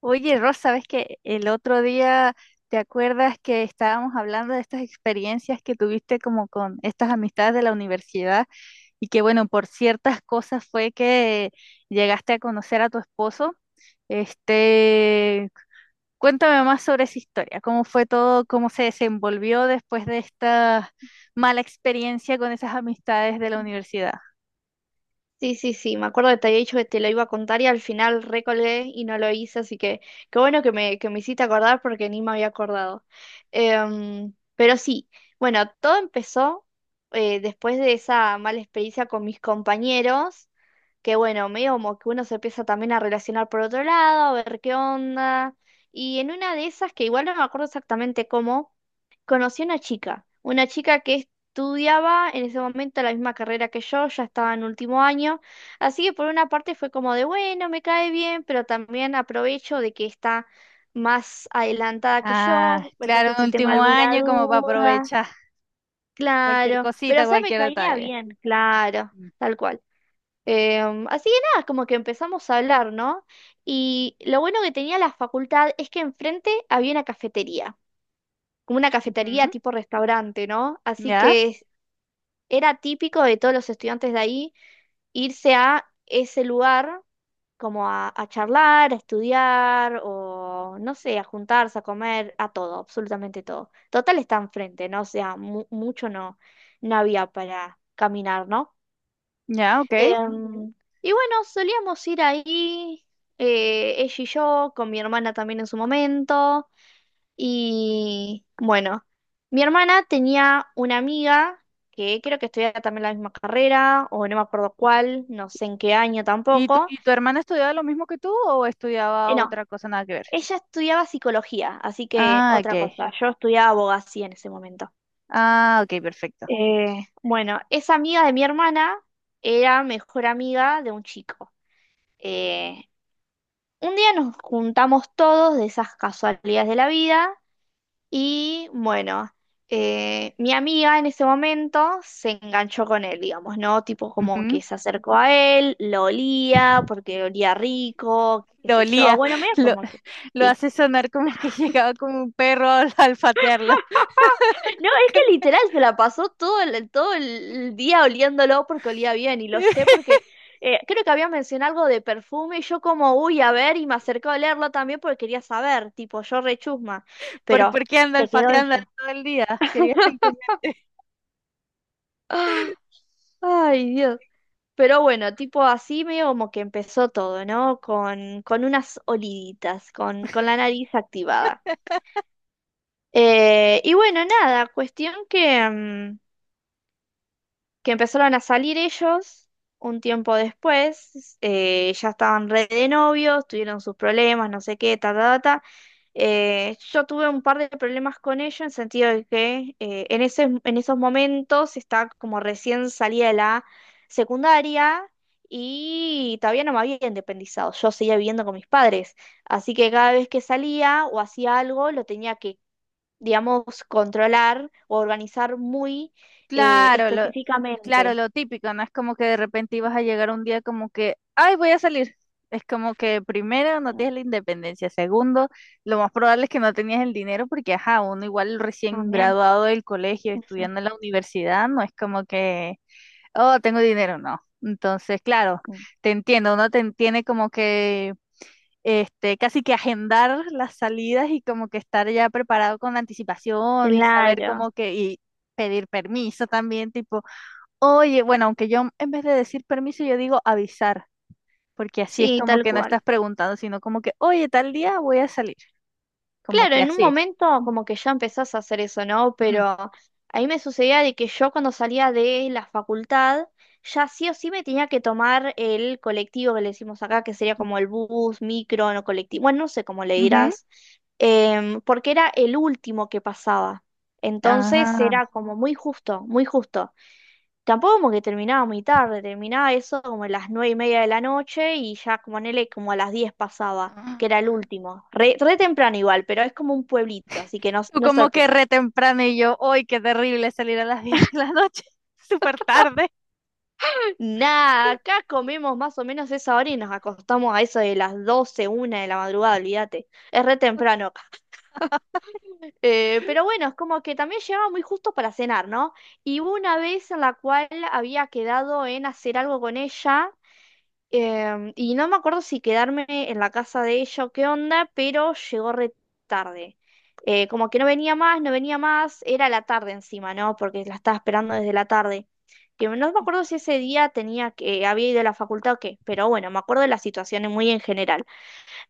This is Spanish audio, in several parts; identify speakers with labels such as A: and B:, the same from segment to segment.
A: Oye, Rosa, ¿sabes que el otro día te acuerdas que estábamos hablando de estas experiencias que tuviste como con estas amistades de la universidad y que bueno, por ciertas cosas fue que llegaste a conocer a tu esposo? Este, Cuéntame más sobre esa historia, cómo fue todo, cómo se desenvolvió después de esta mala experiencia con esas amistades de la universidad.
B: Sí, sí, sí, me acuerdo que te había dicho que te lo iba a contar y al final recolgué y no lo hice, así que qué bueno que me hiciste acordar porque ni me había acordado. Pero sí, bueno, todo empezó después de esa mala experiencia con mis compañeros, que bueno, medio como que uno se empieza también a relacionar por otro lado, a ver qué onda. Y en una de esas, que igual no me acuerdo exactamente cómo, conocí a una chica que estudiaba en ese momento la misma carrera que yo, ya estaba en último año, así que por una parte fue como de, bueno, me cae bien, pero también aprovecho de que está más adelantada que
A: Ah,
B: yo,
A: claro,
B: entonces
A: en
B: si tengo
A: último
B: alguna
A: año como para
B: duda,
A: aprovechar cualquier
B: claro, pero o
A: cosita,
B: sea, me
A: cualquier
B: caía
A: detalle.
B: bien, claro,
A: Mm.
B: tal cual. Así que nada, como que empezamos a hablar, ¿no? Y lo bueno que tenía la facultad es que enfrente había una cafetería, como una cafetería
A: Ujú.
B: tipo restaurante, ¿no? Así
A: Ya,
B: que era típico de todos los estudiantes de ahí irse a ese lugar como a charlar, a estudiar o, no sé, a juntarse, a comer, a todo, absolutamente todo. Total está enfrente, ¿no? O sea, mu- mucho no, no había para caminar, ¿no?
A: ya, ok.
B: Em, y bueno, solíamos ir ahí, ella y yo, con mi hermana también en su momento. Y bueno, mi hermana tenía una amiga que creo que estudiaba también la misma carrera, o no me acuerdo cuál, no sé en qué año
A: ¿Y tu,
B: tampoco.
A: y tu hermana estudiaba lo mismo que tú o estudiaba
B: No,
A: otra cosa nada que ver?
B: ella estudiaba psicología, así que
A: Ah,
B: otra
A: ok.
B: cosa, yo estudiaba abogacía en ese momento.
A: Ah, ok, perfecto.
B: Bueno, esa amiga de mi hermana era mejor amiga de un chico. Eh, Un día nos juntamos todos de esas casualidades de la vida y bueno, mi amiga en ese momento se enganchó con él, digamos, ¿no? Tipo como
A: Ujú.
B: que se acercó a él, lo olía porque olía rico, qué
A: Lo
B: sé yo.
A: olía,
B: Bueno, medio
A: lo,
B: como que
A: lo
B: sí.
A: hace sonar como que llegaba como un perro al alfatearlo.
B: No, es que literal se la pasó todo el día oliéndolo porque olía bien y lo sé porque creo que había mencionado algo de perfume y yo como, uy, a ver, y me acercó a olerlo también porque quería saber, tipo, yo rechusma,
A: ¿Por,
B: pero
A: por qué anda
B: se quedó
A: olfateando
B: ella.
A: todo el día? Quería.
B: Ah, ay, Dios. Pero bueno, tipo así medio como que empezó todo, ¿no? Con unas oliditas, con la nariz activada. Y bueno, nada, cuestión que que empezaron a salir ellos un tiempo después, ya estaban re de novios, tuvieron sus problemas, no sé qué, ta, ta, ta, ta. Yo tuve un par de problemas con ellos en sentido de que en esos momentos estaba como recién salía de la secundaria y todavía no me había independizado, yo seguía viviendo con mis padres, así que cada vez que salía o hacía algo lo tenía que, digamos, controlar o organizar muy
A: Claro, lo, claro,
B: específicamente.
A: lo típico, no es como que de repente ibas a llegar un día como que, ay, voy a salir. Es como que primero no tienes la independencia, segundo, lo más probable es que no tenías el dinero porque, ajá, uno igual recién
B: También.
A: graduado del colegio,
B: Ujú.
A: estudiando en la universidad, no es como que, oh, tengo dinero, no. Entonces, claro, te entiendo, uno tiene como que casi que agendar las salidas y como que estar ya preparado con anticipación y saber
B: Claro,
A: como que, y pedir permiso también, tipo, oye, bueno, aunque yo en vez de decir permiso, yo digo avisar, porque así es
B: sí,
A: como
B: tal
A: que no estás
B: cual.
A: preguntando, sino como que, oye, tal día voy a salir, como
B: Claro,
A: que
B: en un
A: así.
B: momento como que ya empezás a hacer eso, ¿no?
A: Ujú,
B: Pero a mí me sucedía de que yo cuando salía de la facultad, ya sí o sí me tenía que tomar el colectivo, que le decimos acá, que sería como el bus, micro, no colectivo, bueno, no sé cómo le
A: ujú,
B: dirás, porque era el último que pasaba. Entonces
A: ajá.
B: era como muy justo, muy justo. Tampoco como que terminaba muy tarde, terminaba eso como a las nueve y media de la noche y ya como en él como a las diez pasaba, que
A: Ah.
B: era el último. Re, re temprano igual, pero es como un pueblito, así que no,
A: Tú
B: no es
A: como que
B: sorpresa.
A: re temprano y yo, hoy qué terrible salir a las 10 de la noche, súper tarde.
B: Nada, acá comemos más o menos esa hora y nos acostamos a eso de las doce, una de la madrugada, olvídate. Es re temprano acá. Pero bueno, es como que también llegaba muy justo para cenar, ¿no? Y hubo una vez en la cual había quedado en hacer algo con ella. Y no me acuerdo si quedarme en la casa de ella o qué onda, pero llegó re tarde. Como que no venía más, no venía más, era la tarde encima, ¿no? Porque la estaba esperando desde la tarde. Que no me acuerdo si ese día tenía que, había ido a la facultad o qué, pero bueno, me acuerdo de las situaciones muy en general.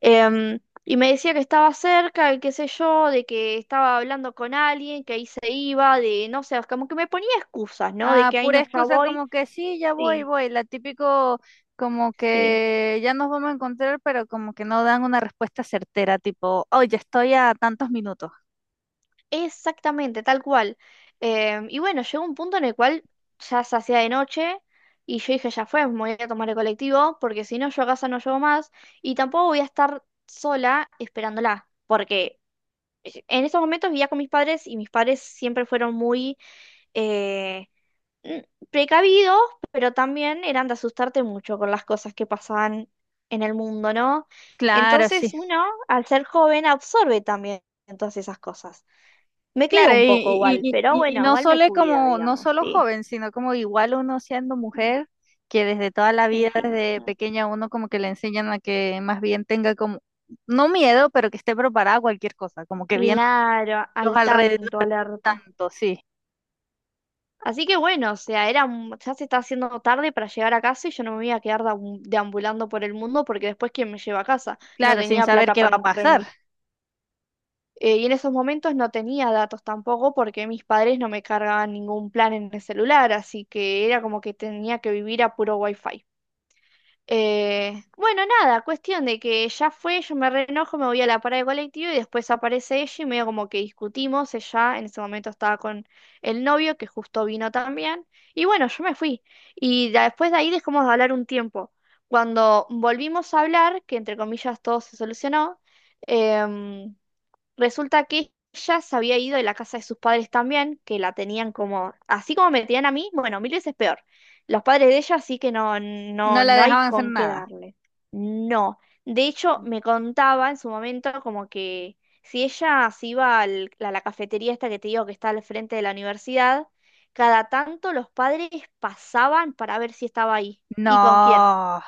B: Em, y me decía que estaba cerca, y qué sé yo, de que estaba hablando con alguien, que ahí se iba, de no sé, como que me ponía excusas, ¿no? De
A: Ah,
B: que ahí
A: pura
B: no, ya
A: excusa
B: voy.
A: como que sí, ya voy,
B: Sí,
A: voy. La típico como
B: sí.
A: que ya nos vamos a encontrar, pero como que no dan una respuesta certera, tipo, oh, ya estoy a tantos minutos.
B: Exactamente, tal cual. Y bueno, llegó un punto en el cual ya se hacía de noche y yo dije, ya fue, me voy a tomar el colectivo porque si no yo a casa no llego más y tampoco voy a estar sola esperándola porque en esos momentos vivía con mis padres y mis padres siempre fueron muy eh, n- precavidos, pero también eran de asustarte mucho con las cosas que pasaban en el mundo, ¿no?
A: Claro,
B: Entonces
A: sí.
B: uno, al ser joven, absorbe también todas esas cosas. Me
A: Claro,
B: quedo
A: y,
B: un poco igual,
A: y, y,
B: pero
A: y- y
B: bueno,
A: no
B: igual me
A: solo
B: cuido,
A: como, no
B: digamos,
A: solo
B: sí.
A: joven, sino como igual uno siendo
B: Mm,
A: mujer, que desde toda la vida,
B: encima.
A: desde
B: Mm.
A: pequeña, uno como que le enseñan a que más bien tenga como, no miedo, pero que esté preparada a cualquier cosa, como que viendo
B: Claro,
A: los
B: al
A: alrededores
B: tanto, alerta.
A: tanto, sí.
B: Así que bueno, o sea, era, un- ya se está haciendo tarde para llegar a casa y yo no me voy a quedar deambu- deambulando por el mundo porque después quién me lleva a casa. No
A: Claro, sin
B: tenía
A: saber
B: plata
A: qué va
B: para
A: a
B: un
A: pasar.
B: remis. Y en esos momentos no tenía datos tampoco porque mis padres no me cargaban ningún plan en el celular, así que era como que tenía que vivir a puro wifi. Bueno, nada, cuestión de que ya fue, yo me reenojo, me voy a la parada de colectivo y después aparece ella y medio como que discutimos, ella en ese momento estaba con el novio que justo vino también y bueno, yo me fui y da- después de ahí dejamos de hablar un tiempo. Cuando volvimos a hablar, que entre comillas todo se solucionó, em, resulta que ella se había ido de la casa de sus padres también, que la tenían como, así como me tenían a mí, bueno, mil veces peor. Los padres de ella sí que no,
A: No
B: no,
A: la
B: no hay
A: dejaban hacer
B: con qué
A: nada.
B: darle. No. De hecho, me contaba en su momento como que si ella se iba al- a la cafetería esta que te digo que está al frente de la universidad, cada tanto los padres pasaban para ver si estaba ahí. ¿Y con quién?
A: No,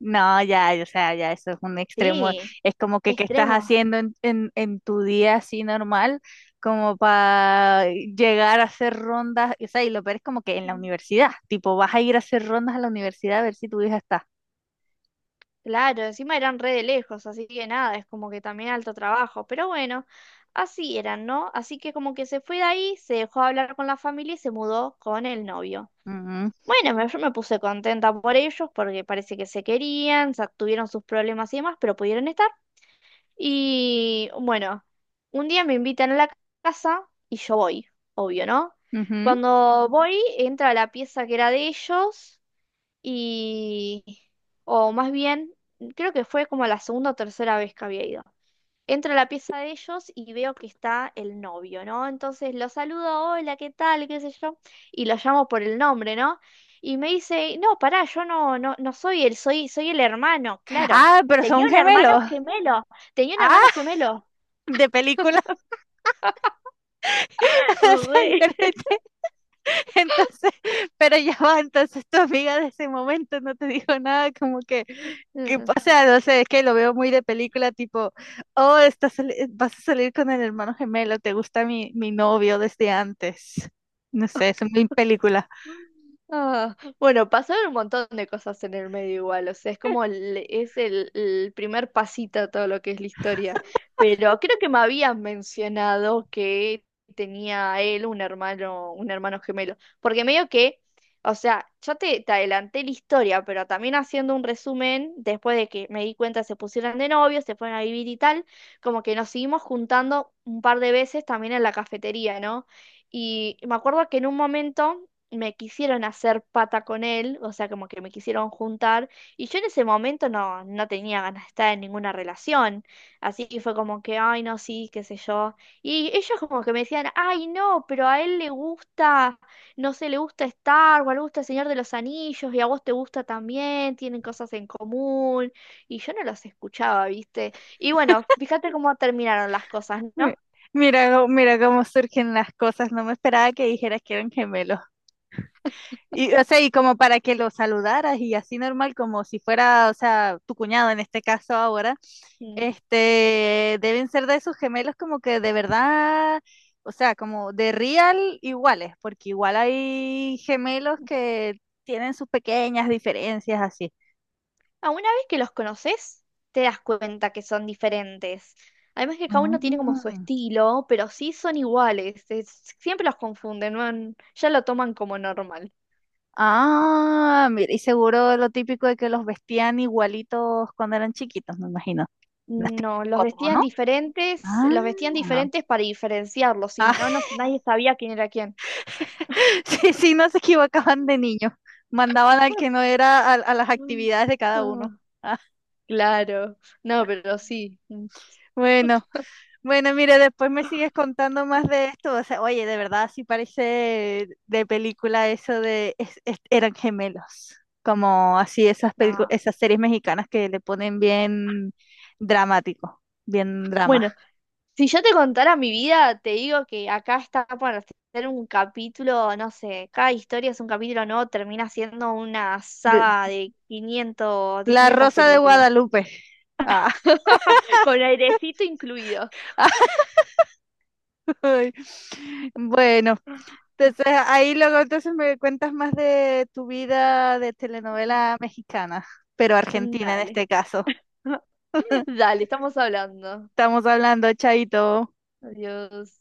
A: no, ya, o sea, ya eso es un extremo.
B: Sí,
A: Es como que qué estás
B: extremo.
A: haciendo en, en tu día así normal, como para llegar a hacer rondas. O sea, y lo peor es como que en la universidad, tipo, vas a ir a hacer rondas a la universidad a ver si tu hija está.
B: Claro, encima eran re de lejos, así que nada, es como que también alto trabajo. Pero bueno, así eran, ¿no? Así que como que se fue de ahí, se dejó de hablar con la familia y se mudó con el novio.
A: Ujú,
B: Bueno, me- yo me puse contenta por ellos porque parece que se querían, sa- tuvieron sus problemas y demás, pero pudieron estar. Y bueno, un día me invitan a la casa y yo voy, obvio, ¿no?
A: ujú.
B: Cuando voy, entra a la pieza que era de ellos y, o más bien, creo que fue como la segunda o tercera vez que había ido. Entro a la pieza de ellos y veo que está el novio, ¿no? Entonces lo saludo, hola, ¿qué tal? ¿Qué sé yo? Y lo llamo por el nombre, ¿no? Y me dice, no, pará, yo no, no soy él, soy el hermano, claro.
A: Ah, pero
B: Tenía
A: son
B: un hermano
A: gemelos.
B: gemelo, Tenía un hermano
A: Ah,
B: gemelo.
A: de película. O sea, y terminan Entonces, pero ya va, entonces tu amiga de ese momento no te dijo nada, como que,
B: Re.
A: o sea, no sé, es que lo veo muy de película, tipo, oh, estás, vas a salir con el hermano gemelo, te gusta mi novio desde antes. No sé, es muy película.
B: Ah, bueno, pasaron un montón de cosas en el medio igual, o sea, es como el, es el primer pasito a todo lo que es la historia, pero creo que me habías mencionado que tenía él un hermano gemelo, porque medio que, o sea, yo te adelanté la historia, pero también haciendo un resumen, después de que me di cuenta se pusieron de novios, se fueron a vivir y tal, como que nos seguimos juntando un par de veces también en la cafetería, ¿no? Y me acuerdo que en un momento me quisieron hacer pata con él, o sea, como que me quisieron juntar, y yo en ese momento no, no tenía ganas de estar en ninguna relación, así que fue como que, ay, no, sí, qué sé yo, y ellos como que me decían, ay, no, pero a él le gusta, no sé, le gusta Star Wars, le gusta El Señor de los Anillos, y a vos te gusta también, tienen cosas en común, y yo no los escuchaba, ¿viste? Y bueno, fíjate cómo terminaron las cosas,
A: Mi-
B: ¿no?
A: Mira cómo surgen las cosas. No me esperaba que dijeras que eran gemelos. Y, o sea, y como para que lo saludaras y así normal, como si fuera, o sea, tu cuñado en este caso ahora.
B: Mm.
A: Deben ser de esos gemelos como que de verdad, o sea, como de real iguales, porque igual hay gemelos que tienen sus pequeñas diferencias así.
B: Ah, una vez que los conoces, te das cuenta que son diferentes. Además que cada uno tiene como su
A: Ah,
B: estilo, pero sí son iguales. Es- siempre los confunden, ¿no? Ya lo toman como normal.
A: ah, mira, y seguro lo típico de que los vestían igualitos cuando eran chiquitos, me imagino. Las típicas
B: No,
A: fotos, ¿no?
B: los vestían
A: Ah,
B: diferentes para diferenciarlos, si no,
A: ah,
B: no- nadie sabía quién era quién.
A: sí, sí, no se equivocaban de niño. Mandaban al que no era a las actividades de cada uno.
B: Ah,
A: Ah,
B: claro, no, pero sí. Mm.
A: bueno. Bueno, mire, después me sigues contando más de esto. O sea, oye, de verdad, sí parece de película eso de eran gemelos. Como así esas
B: No.
A: esas series mexicanas que le ponen bien dramático, bien drama.
B: Bueno, si yo te contara mi vida, te digo que acá está para hacer un capítulo, no sé, cada historia es un capítulo nuevo, termina siendo una
A: De-
B: saga de 500, de
A: La
B: quinientas
A: Rosa de
B: películas,
A: Guadalupe. Ah,
B: con airecito incluido.
A: ay. Bueno, entonces ahí luego entonces me cuentas más de tu vida de telenovela mexicana, pero argentina en
B: Dale,
A: este caso.
B: dale, estamos hablando.
A: Estamos hablando, chaito.
B: Adiós.